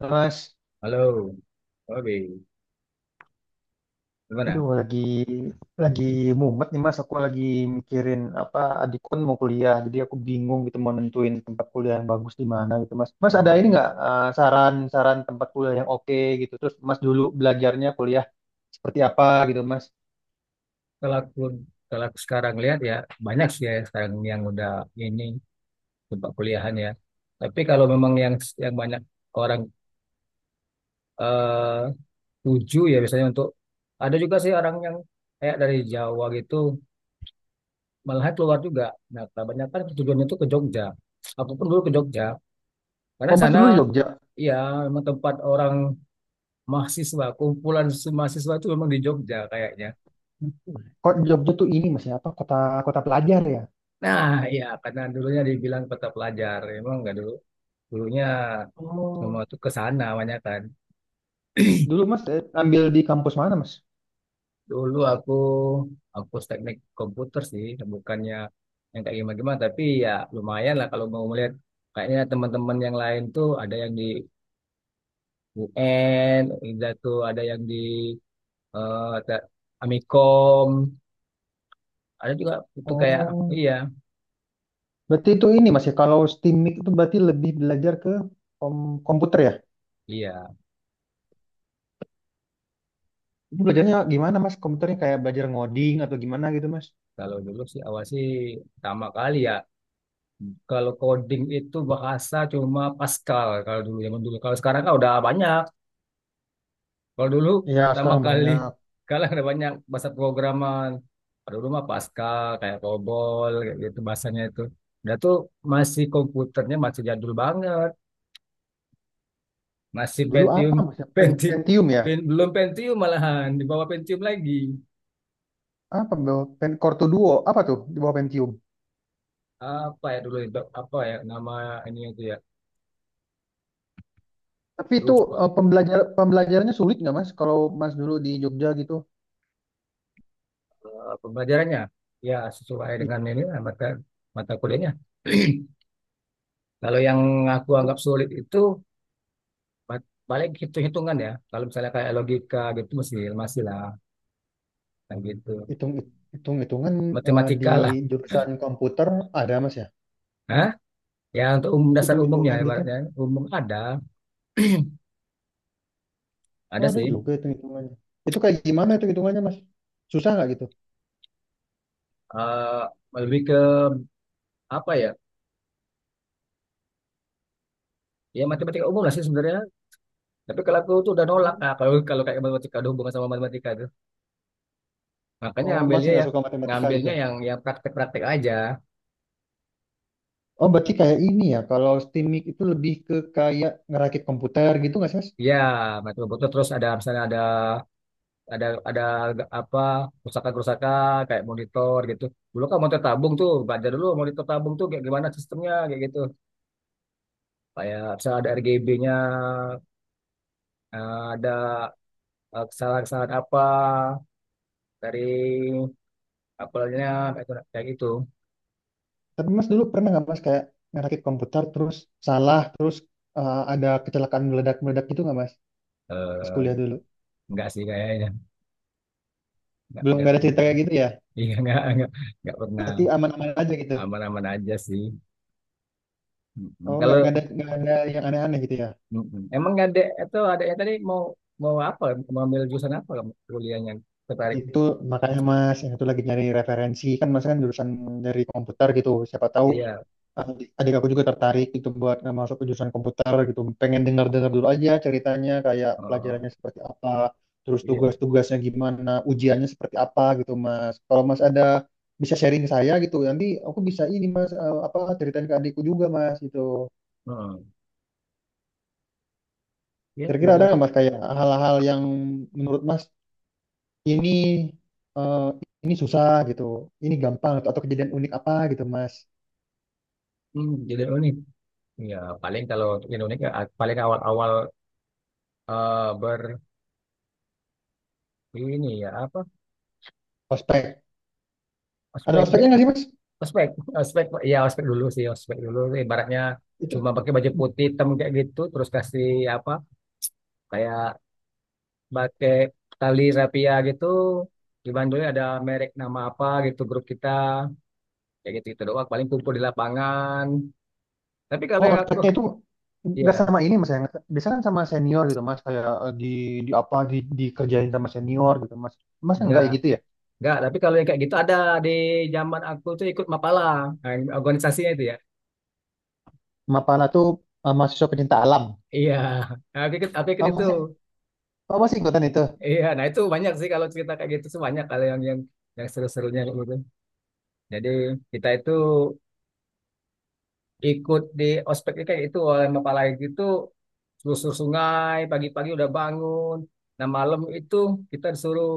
Mas, Halo, oke, gimana? aduh lagi mumet nih Mas. Aku lagi mikirin apa adikku kan mau kuliah, jadi aku bingung gitu mau nentuin tempat kuliah yang bagus di mana gitu Mas. Mas ada ini nggak Oh, saran-saran tempat kuliah yang oke gitu? Terus Mas dulu belajarnya kuliah seperti apa gitu Mas? kalau aku kalau aku sekarang lihat ya banyak sih ya sekarang yang udah ini tempat kuliahan ya. Tapi kalau memang yang banyak orang eh, tuju ya biasanya untuk ada juga sih orang yang kayak dari Jawa gitu malah keluar juga. Nah, kebanyakan tujuannya itu ke Jogja. Aku pun dulu ke Jogja karena Oh Mas sana dulu di Jogja. ya memang tempat orang mahasiswa kumpulan mahasiswa itu memang di Jogja kayaknya. Kok Jogja tuh ini Mas ya apa kota kota pelajar ya? Nah, ya karena dulunya dibilang kota pelajar, emang nggak dulu. Dulunya semua Oh tuh ke sana banyak kan. dulu Mas ambil di kampus mana Mas? Dulu aku teknik komputer sih, bukannya yang kayak gimana-gimana, tapi ya lumayan lah kalau mau melihat kayaknya teman-teman yang lain tuh ada yang di UN, ada tuh ada yang di eh, te- Amikom, ada juga itu kayak Oh iya berarti itu ini Mas ya kalau STIMIK itu berarti lebih belajar ke komputer ya? iya. Itu belajarnya gimana mas? Komputernya kayak belajar ngoding atau gimana gitu mas? Kalau dulu sih awal sih pertama kali ya. Kalau coding itu bahasa cuma Pascal kalau dulu zaman dulu. Kalau sekarang kan udah banyak. Kalau dulu Ya, pertama sekarang kali banyak. kalau ada banyak bahasa programan. Kalau dulu mah Pascal kayak COBOL kayak gitu bahasanya itu. Dan tuh masih komputernya masih jadul banget. Masih Dulu Pentium, apa Mas? Ya? Penti, Pentium ya? Belum Pentium malahan di bawah Pentium lagi. Apa? Bawah- Pen Core Duo. Apa tuh di bawah Pentium? Apa ya dulu itu? Apa ya nama ini itu ya? Tapi itu Lupa. Pembelajarannya sulit nggak Mas? Kalau Mas dulu di Jogja gitu. Pembelajarannya ya sesuai Iya, dengan ini lah, mata mata kuliahnya. Kalau yang aku dulu anggap sulit itu paling hitung-hitungan ya. Kalau misalnya kayak logika gitu masih masih lah kayak gitu. hitung hitung-hitungan di Matematika lah. jurusan komputer ada mas ya? Hah? Ya untuk umum dasar umumnya Hitung-hitungan gitu? ibaratnya umum ada Oh ada ada sih. juga hitung-hitungannya. Itu kayak gimana itu hitungannya mas? Susah nggak gitu? Eh, lebih ke apa ya? Ya matematika umum lah sih sebenarnya. Tapi kalau aku tuh udah nolak Oh, Kak, kalau kalau kayak matematika ada hubungan sama matematika itu. Makanya oh mas ambilnya yang ya nggak suka matematika gitu? ngambilnya yang praktek-praktek aja. Oh, berarti kayak ini ya. Kalau Steamik itu lebih ke kayak ngerakit komputer gitu nggak sih, Mas? Ya, betul-betul terus ada misalnya ada ada apa kerusakan-kerusakan kayak monitor gitu. Dulu kan monitor tabung tuh, belajar dulu monitor tabung tuh kayak gimana sistemnya kayak gitu. Kayak bisa ada RGB-nya, ada kesalahan-kesalahan apa dari apelnya kayak gitu, kayak gitu. Tapi Mas dulu pernah nggak Mas kayak ngerakit komputer terus salah, terus ada kecelakaan meledak-meledak gitu nggak Mas? Pas Eh, kuliah dulu. enggak sih kayaknya, enggak Belum enggak nggak ada pernah. cerita kayak gitu ya? Iya enggak pernah, Berarti aman-aman aja gitu. aman-aman aja sih. Oh, Mm-mm. nggak nggak Kalau ada nggak ada yang aneh-aneh gitu ya? mm-mm. emang ada atau adanya tadi mau mau apa? Mau ambil jurusan apa kamu kuliahnya? Tertarik. Itu makanya Mas, yang itu lagi nyari referensi kan Mas kan jurusan dari komputer gitu. Siapa tahu Iya. eh, adik aku juga tertarik gitu buat masuk ke jurusan komputer gitu pengen dengar-dengar dulu aja ceritanya kayak Oh, pelajarannya seperti apa terus iya. tugas-tugasnya gimana ujiannya seperti apa gitu Mas kalau Mas ada bisa sharing ke saya gitu nanti aku bisa ini Mas apa ceritain ke adikku juga Mas gitu Heeh. Ya, kira-kira ada banyak. nggak Mas kayak hal-hal yang menurut Mas ini eh, ini susah gitu ini gampang atau kejadian unik apa gitu Mas Hmm, jadi unik. Ya, paling kalau untuk Indonesia paling awal-awal eh, ber ini ya apa? ospek ada Ospek. ospeknya nggak sih Mas Ospek, ospek. Ya, ospek dulu sih, ospek dulu. Ibaratnya itu. cuma pakai baju putih hitam kayak gitu, terus kasih apa? Kayak pakai tali rapia gitu. Di Bandungnya ada merek nama apa gitu grup kita. Kayak gitu-gitu doang. Paling kumpul di lapangan. Tapi kalau Oh, yang aku, otaknya itu nggak ya, sama ini mas ya. Biasa kan sama senior gitu mas, kayak di apa di dikerjain sama senior gitu mas. Mas enggak enggak. ya gitu ya. Enggak, tapi kalau yang kayak gitu ada di zaman aku tuh ikut Mapala, nah, organisasinya itu ya. Mapala tuh mahasiswa pecinta alam. Iya. Nah, aku ikut, Oh itu. masih, oh masih ikutan itu. Iya, nah itu banyak sih kalau cerita kayak gitu tuh banyak kalau yang seru-serunya kayak gitu. Jadi kita itu ikut di ospeknya kayak itu oleh Mapala gitu, selusur sungai pagi-pagi udah bangun. Nah malam itu kita disuruh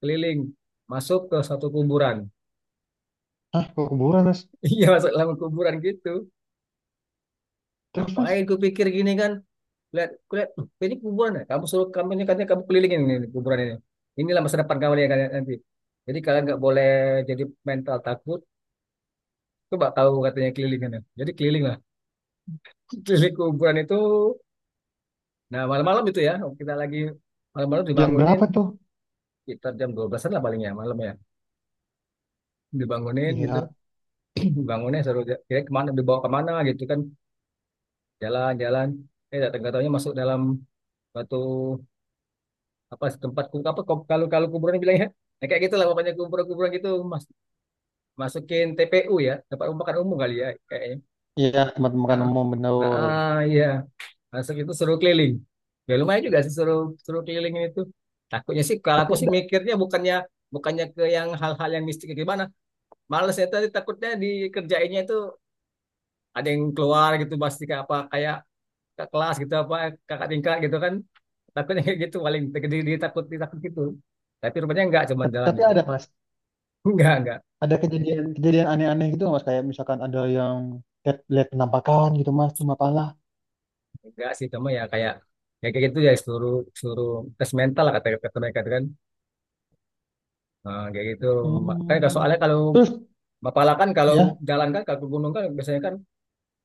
keliling masuk ke satu kuburan. Hah, ke kuburan mas. Iya, masuk dalam kuburan gitu. Terus mas, Ngapain ku pikir gini kan? Lihat lihat, "Loh, ini kuburan ya kamu suruh kamu ini katanya kamu kelilingin ini kuburan ini, inilah masa depan kamu ya kalian nanti, jadi kalian nggak boleh jadi mental takut, coba tahu katanya kelilingan ya." Jadi keliling lah, keliling kuburan itu. Nah malam-malam itu ya kita lagi malam-malam jam dibangunin, berapa tuh? kita jam dua belasan lah palingnya malam ya, dibangunin gitu. Iya, Bangunnya suruh, kira kemana dibawa kemana gitu kan, jalan-jalan, nggak tahunya masuk dalam batu apa tempat apa, kalau kalau kuburan bilangnya. Nah, kayak gitu lah pokoknya kuburan-kuburan gitu mas, masukin TPU ya, tempat pembukaan umum kali ya kayaknya. iya tempat makan Heeh. umum Heeh, benar. iya, masuk itu suruh keliling. Ya lumayan juga sih suruh suruh kelilingin itu. Takutnya sih kalau Tapi aku sih ada, mikirnya bukannya bukannya ke yang hal-hal yang mistik kayak gimana. Males ya tadi takutnya dikerjainnya itu, ada yang keluar gitu pasti kayak apa, kayak ke kelas gitu apa kakak tingkat gitu kan. Takutnya kayak gitu paling jadi takut ditakut gitu. Tapi rupanya enggak cuman jalan tapi gitu. ada mas. Enggak, enggak. Ada kejadian kejadian aneh-aneh gitu nggak, mas. Kayak misalkan ada yang lihat lihat penampakan gitu mas di Mapala. Enggak sih cuma ya kayak gitu ya, seluruh seluruh tes mental lah kata kata mereka itu kan. Nah, kayak gitu kan kalau- Hmm. soalnya kalau Terus Mapala kan, kalau ya. jalan kan kalau ke gunung kan biasanya kan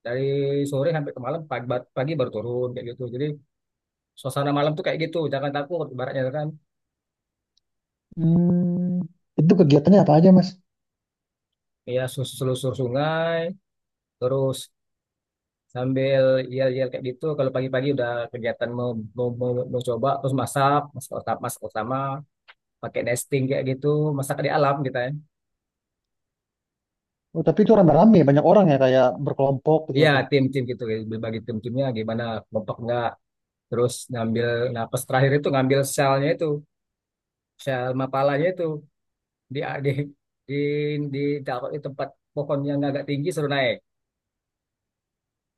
dari sore sampai ke malam pagi, pagi baru turun kayak gitu, jadi suasana malam tuh kayak gitu jangan takut ibaratnya kan. Hmm, itu kegiatannya apa aja, Mas? Ya selusur sungai, terus sambil yel-yel kayak gitu. Kalau pagi-pagi udah kegiatan mau coba, terus masak masak utama pakai nesting kayak gitu, masak di alam kita ya. Oh, tapi itu rame-rame, banyak orang ya, kayak berkelompok gitu, Iya, Mas ya. tim-tim gitu, kayak berbagi tim-timnya gimana, kompak nggak, terus ngambil napas terakhir itu ngambil selnya itu, sel mapalanya itu di di di di, taruh di tempat pohon yang agak tinggi suruh naik,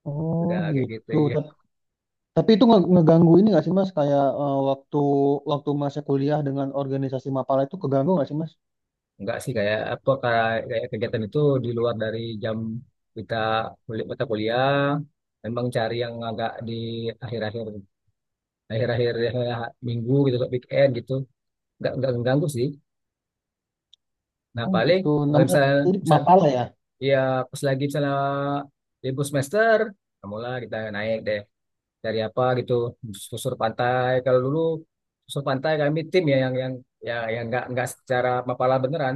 Oh, udah kayak gitu gitu. ya. Tapi itu ngeganggu ini nggak sih, Mas? Kayak waktu waktu Masnya kuliah dengan organisasi Mapala itu keganggu nggak sih, Mas? Enggak sih, kayak apa, kayak kayak kegiatan itu di luar dari jam kita kuliah mata kuliah, memang cari yang agak di akhir-akhir akhir-akhir akhir minggu gitu, weekend gitu, nggak mengganggu sih. Nah Oh, paling gitu. kalau Namanya misalnya, tadi misalnya, Mapala ya? iya, pas lagi misalnya libur semester, nah mulai kita naik deh dari apa gitu, susur pantai. Kalau dulu susur pantai kami tim ya yang nggak secara mapala beneran,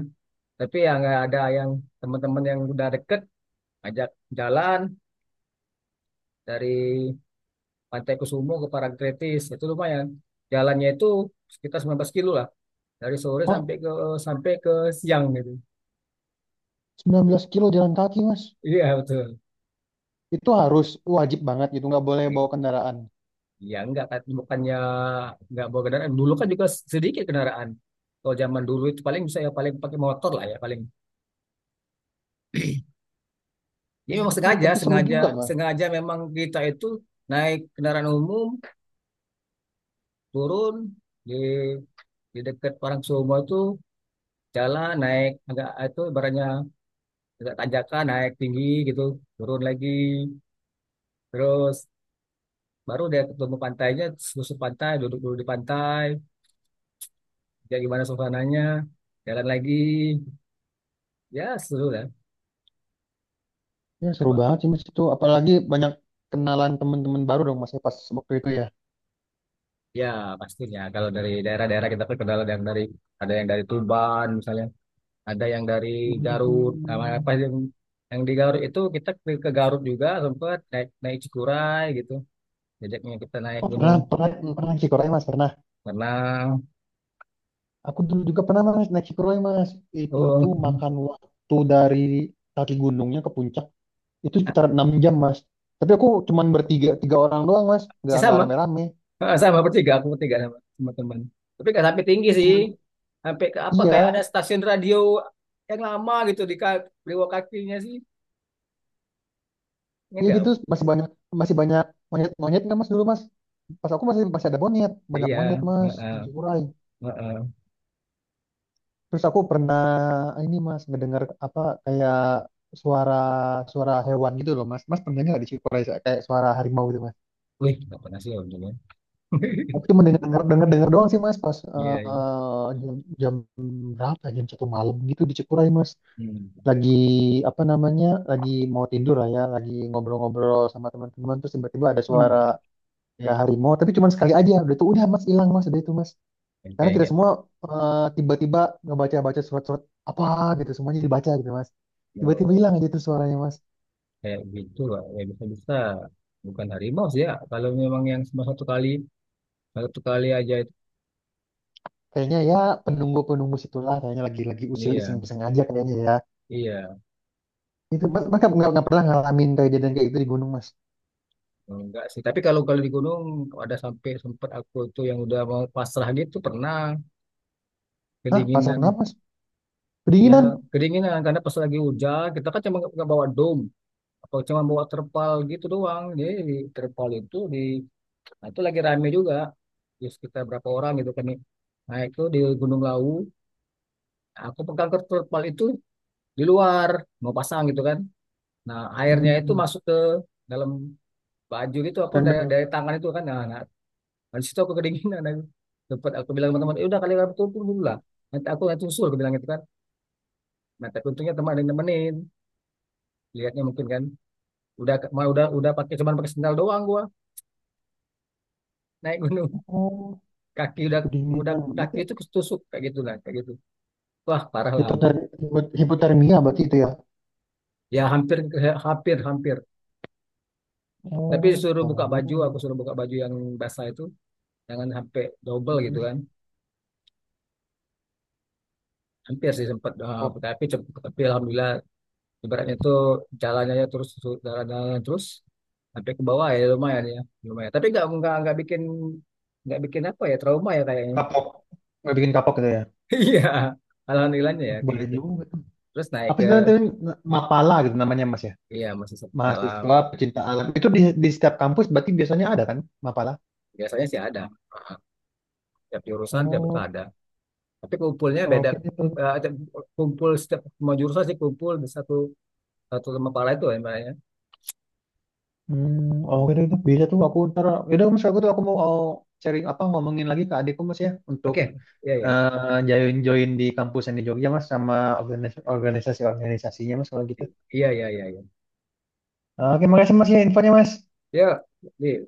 tapi yang nggak ada yang teman-teman yang udah deket ajak jalan dari Pantai Kusumo ke Parangtritis itu lumayan. Jalannya itu sekitar 19 kilo lah, dari sore Oh, sampai ke sampai ke siang gitu. 19 kilo jalan kaki, Mas. Iya betul. Itu harus wajib banget gitu, nggak boleh bawa kendaraan. Ya enggak kan, bukannya enggak bawa kendaraan. Dulu kan juga sedikit kendaraan. Kalau zaman dulu itu paling bisa ya paling pakai motor lah ya paling. Ya Oh, memang sengaja, tapi seru sengaja, juga, Mas. sengaja memang kita itu naik kendaraan umum, turun di di dekat orang semua itu, jalan naik agak itu ibaratnya agak tanjakan naik tinggi gitu, turun lagi. Terus baru dia ketemu pantainya, susur pantai, duduk dulu di pantai, ya gimana suasananya, jalan lagi. Ya seru lah. Ya, seru Nah, banget sih, Mas itu. Apalagi banyak kenalan teman-teman baru dong, Mas, ya, pas waktu itu ya. ya, pastinya. Kalau dari daerah-daerah kita terkenal ada yang dari, ada yang dari Tuban misalnya, ada yang dari Garut. Sama Hmm. apa yang di Garut itu kita ke Garut juga sempat naik naik Cikuray gitu. Jejaknya kita naik Oh pernah gunung pernah pernah Shikurai mas pernah. renang. Aku dulu juga pernah mas naik Shikurai mas. Itu tuh Oh, makan waktu dari kaki gunungnya ke puncak itu sekitar 6 jam mas. Tapi aku cuman tiga orang doang mas. Nggak sih nggak sama. rame-rame. Ah, sama bertiga, aku bertiga sama teman-teman. Tapi nggak sampai tinggi Iya sih. cuman Sampai ke apa? Kayak ada iya stasiun radio yang lama gitu di di bawah kakinya sih. Ini iya gitu enggak. Masih banyak monyet monyet nggak mas dulu mas. Pas aku masih masih ada monyet banyak Iya, monyet mas di heeh, Shikurai. heeh. Terus aku pernah ini mas ngedengar apa kayak suara suara hewan gitu loh mas. Mas pernah nggak di Shikurai kayak suara harimau gitu. Wih, nggak pernah sih om. Aku cuma denger denger denger doang sih mas pas Iya, iya. Jam berapa ya? Jam 1 malam gitu di Cikuray mas Hmm. lagi apa namanya lagi mau tidur lah ya lagi ngobrol-ngobrol sama teman-teman terus tiba-tiba ada suara Hmm. ya harimau tapi cuma sekali aja udah itu udah mas hilang mas udah itu mas Yang karena kayak kita kayak semua tiba-tiba ngebaca-baca surat-surat apa gitu semuanya dibaca gitu mas tiba-tiba kalau hilang aja tuh suaranya mas kayak gitu lah, ya bisa-bisa. Bukan harimau sih ya. Kalau memang yang cuma satu kali aja itu. kayaknya ya penunggu-penunggu situlah kayaknya lagi-lagi usil Iya, iseng-iseng aja kayaknya ya. iya. Itu mas, mas pernah ngalamin kejadian kayak gitu di gunung mas. Enggak sih. Tapi kalau kalau di gunung ada sampai sempat aku tuh yang udah mau pasrah gitu pernah, Hah, pasrah kedinginan. kenapa mas? Ya, Kedinginan. kedinginan karena pas lagi hujan kita kan cuma nggak bawa dom, atau cuma bawa terpal gitu doang. Jadi di terpal itu, nah, itu lagi rame juga. Ya, sekitar berapa orang gitu kan nih. Nah, itu di Gunung Lawu. Aku pegang terpal itu di luar. Mau pasang gitu kan. Nah, airnya itu Hmm, masuk ke dalam baju gitu. Aku dari, tanda. dari tangan itu kan. Nah, nah, nah, situ aku kedinginan. Aku. Tempat aku bilang sama teman, "Eh, udah kali aku turun dulu lah. Nanti aku nanti usul," aku bilang gitu kan. Nah, tapi untungnya teman ada yang nemenin. Lihatnya mungkin kan. Udah mau udah pakai cuman pakai sendal doang gua naik gunung. Oh, Kaki udah udah kedinginan. kaki Berarti itu ketusuk kayak gitu lah, kayak gitu. Wah, parah lah hampir. Hipotermia berarti itu ya. Ya hampir hampir hampir. Tapi Oh, suruh parah buka juga. baju, aku suruh buka baju yang basah itu, jangan sampai double gitu Hmm. kan. Hampir sih sempat Oh, tapi alhamdulillah ibaratnya itu jalannya aja terus jalan-jalan terus sampai ke bawah ya lumayan ya, lumayan. Tapi nggak bikin apa ya trauma ya kayaknya. kapok. Nggak bikin kapok gitu ya. Iya, alhamdulillahnya ya Oh, kayak boleh gitu. juga tuh. Terus naik Apa ke sih nanti Mapala gitu namanya mas ya? iya masih setelah Mahasiswa pecinta alam. Itu di setiap kampus berarti biasanya ada kan Mapala? biasanya sih ada tiap jurusan tiap itu Oh, ada. Tapi kumpulnya beda. oke. Eh, kumpul setiap semua jurusan sih kumpul di satu satu lembah pala itu ya Mbak, ya. Hmm, oke deh, itu bisa tuh aku ntar, yaudah mas aku mau sharing apa ngomongin lagi ke adikku mas ya untuk Oke, iya iya join join di kampus yang di Jogja mas sama organisasinya mas kalau gitu. iya iya iya Oke, makasih mas ya infonya mas. iya, ya.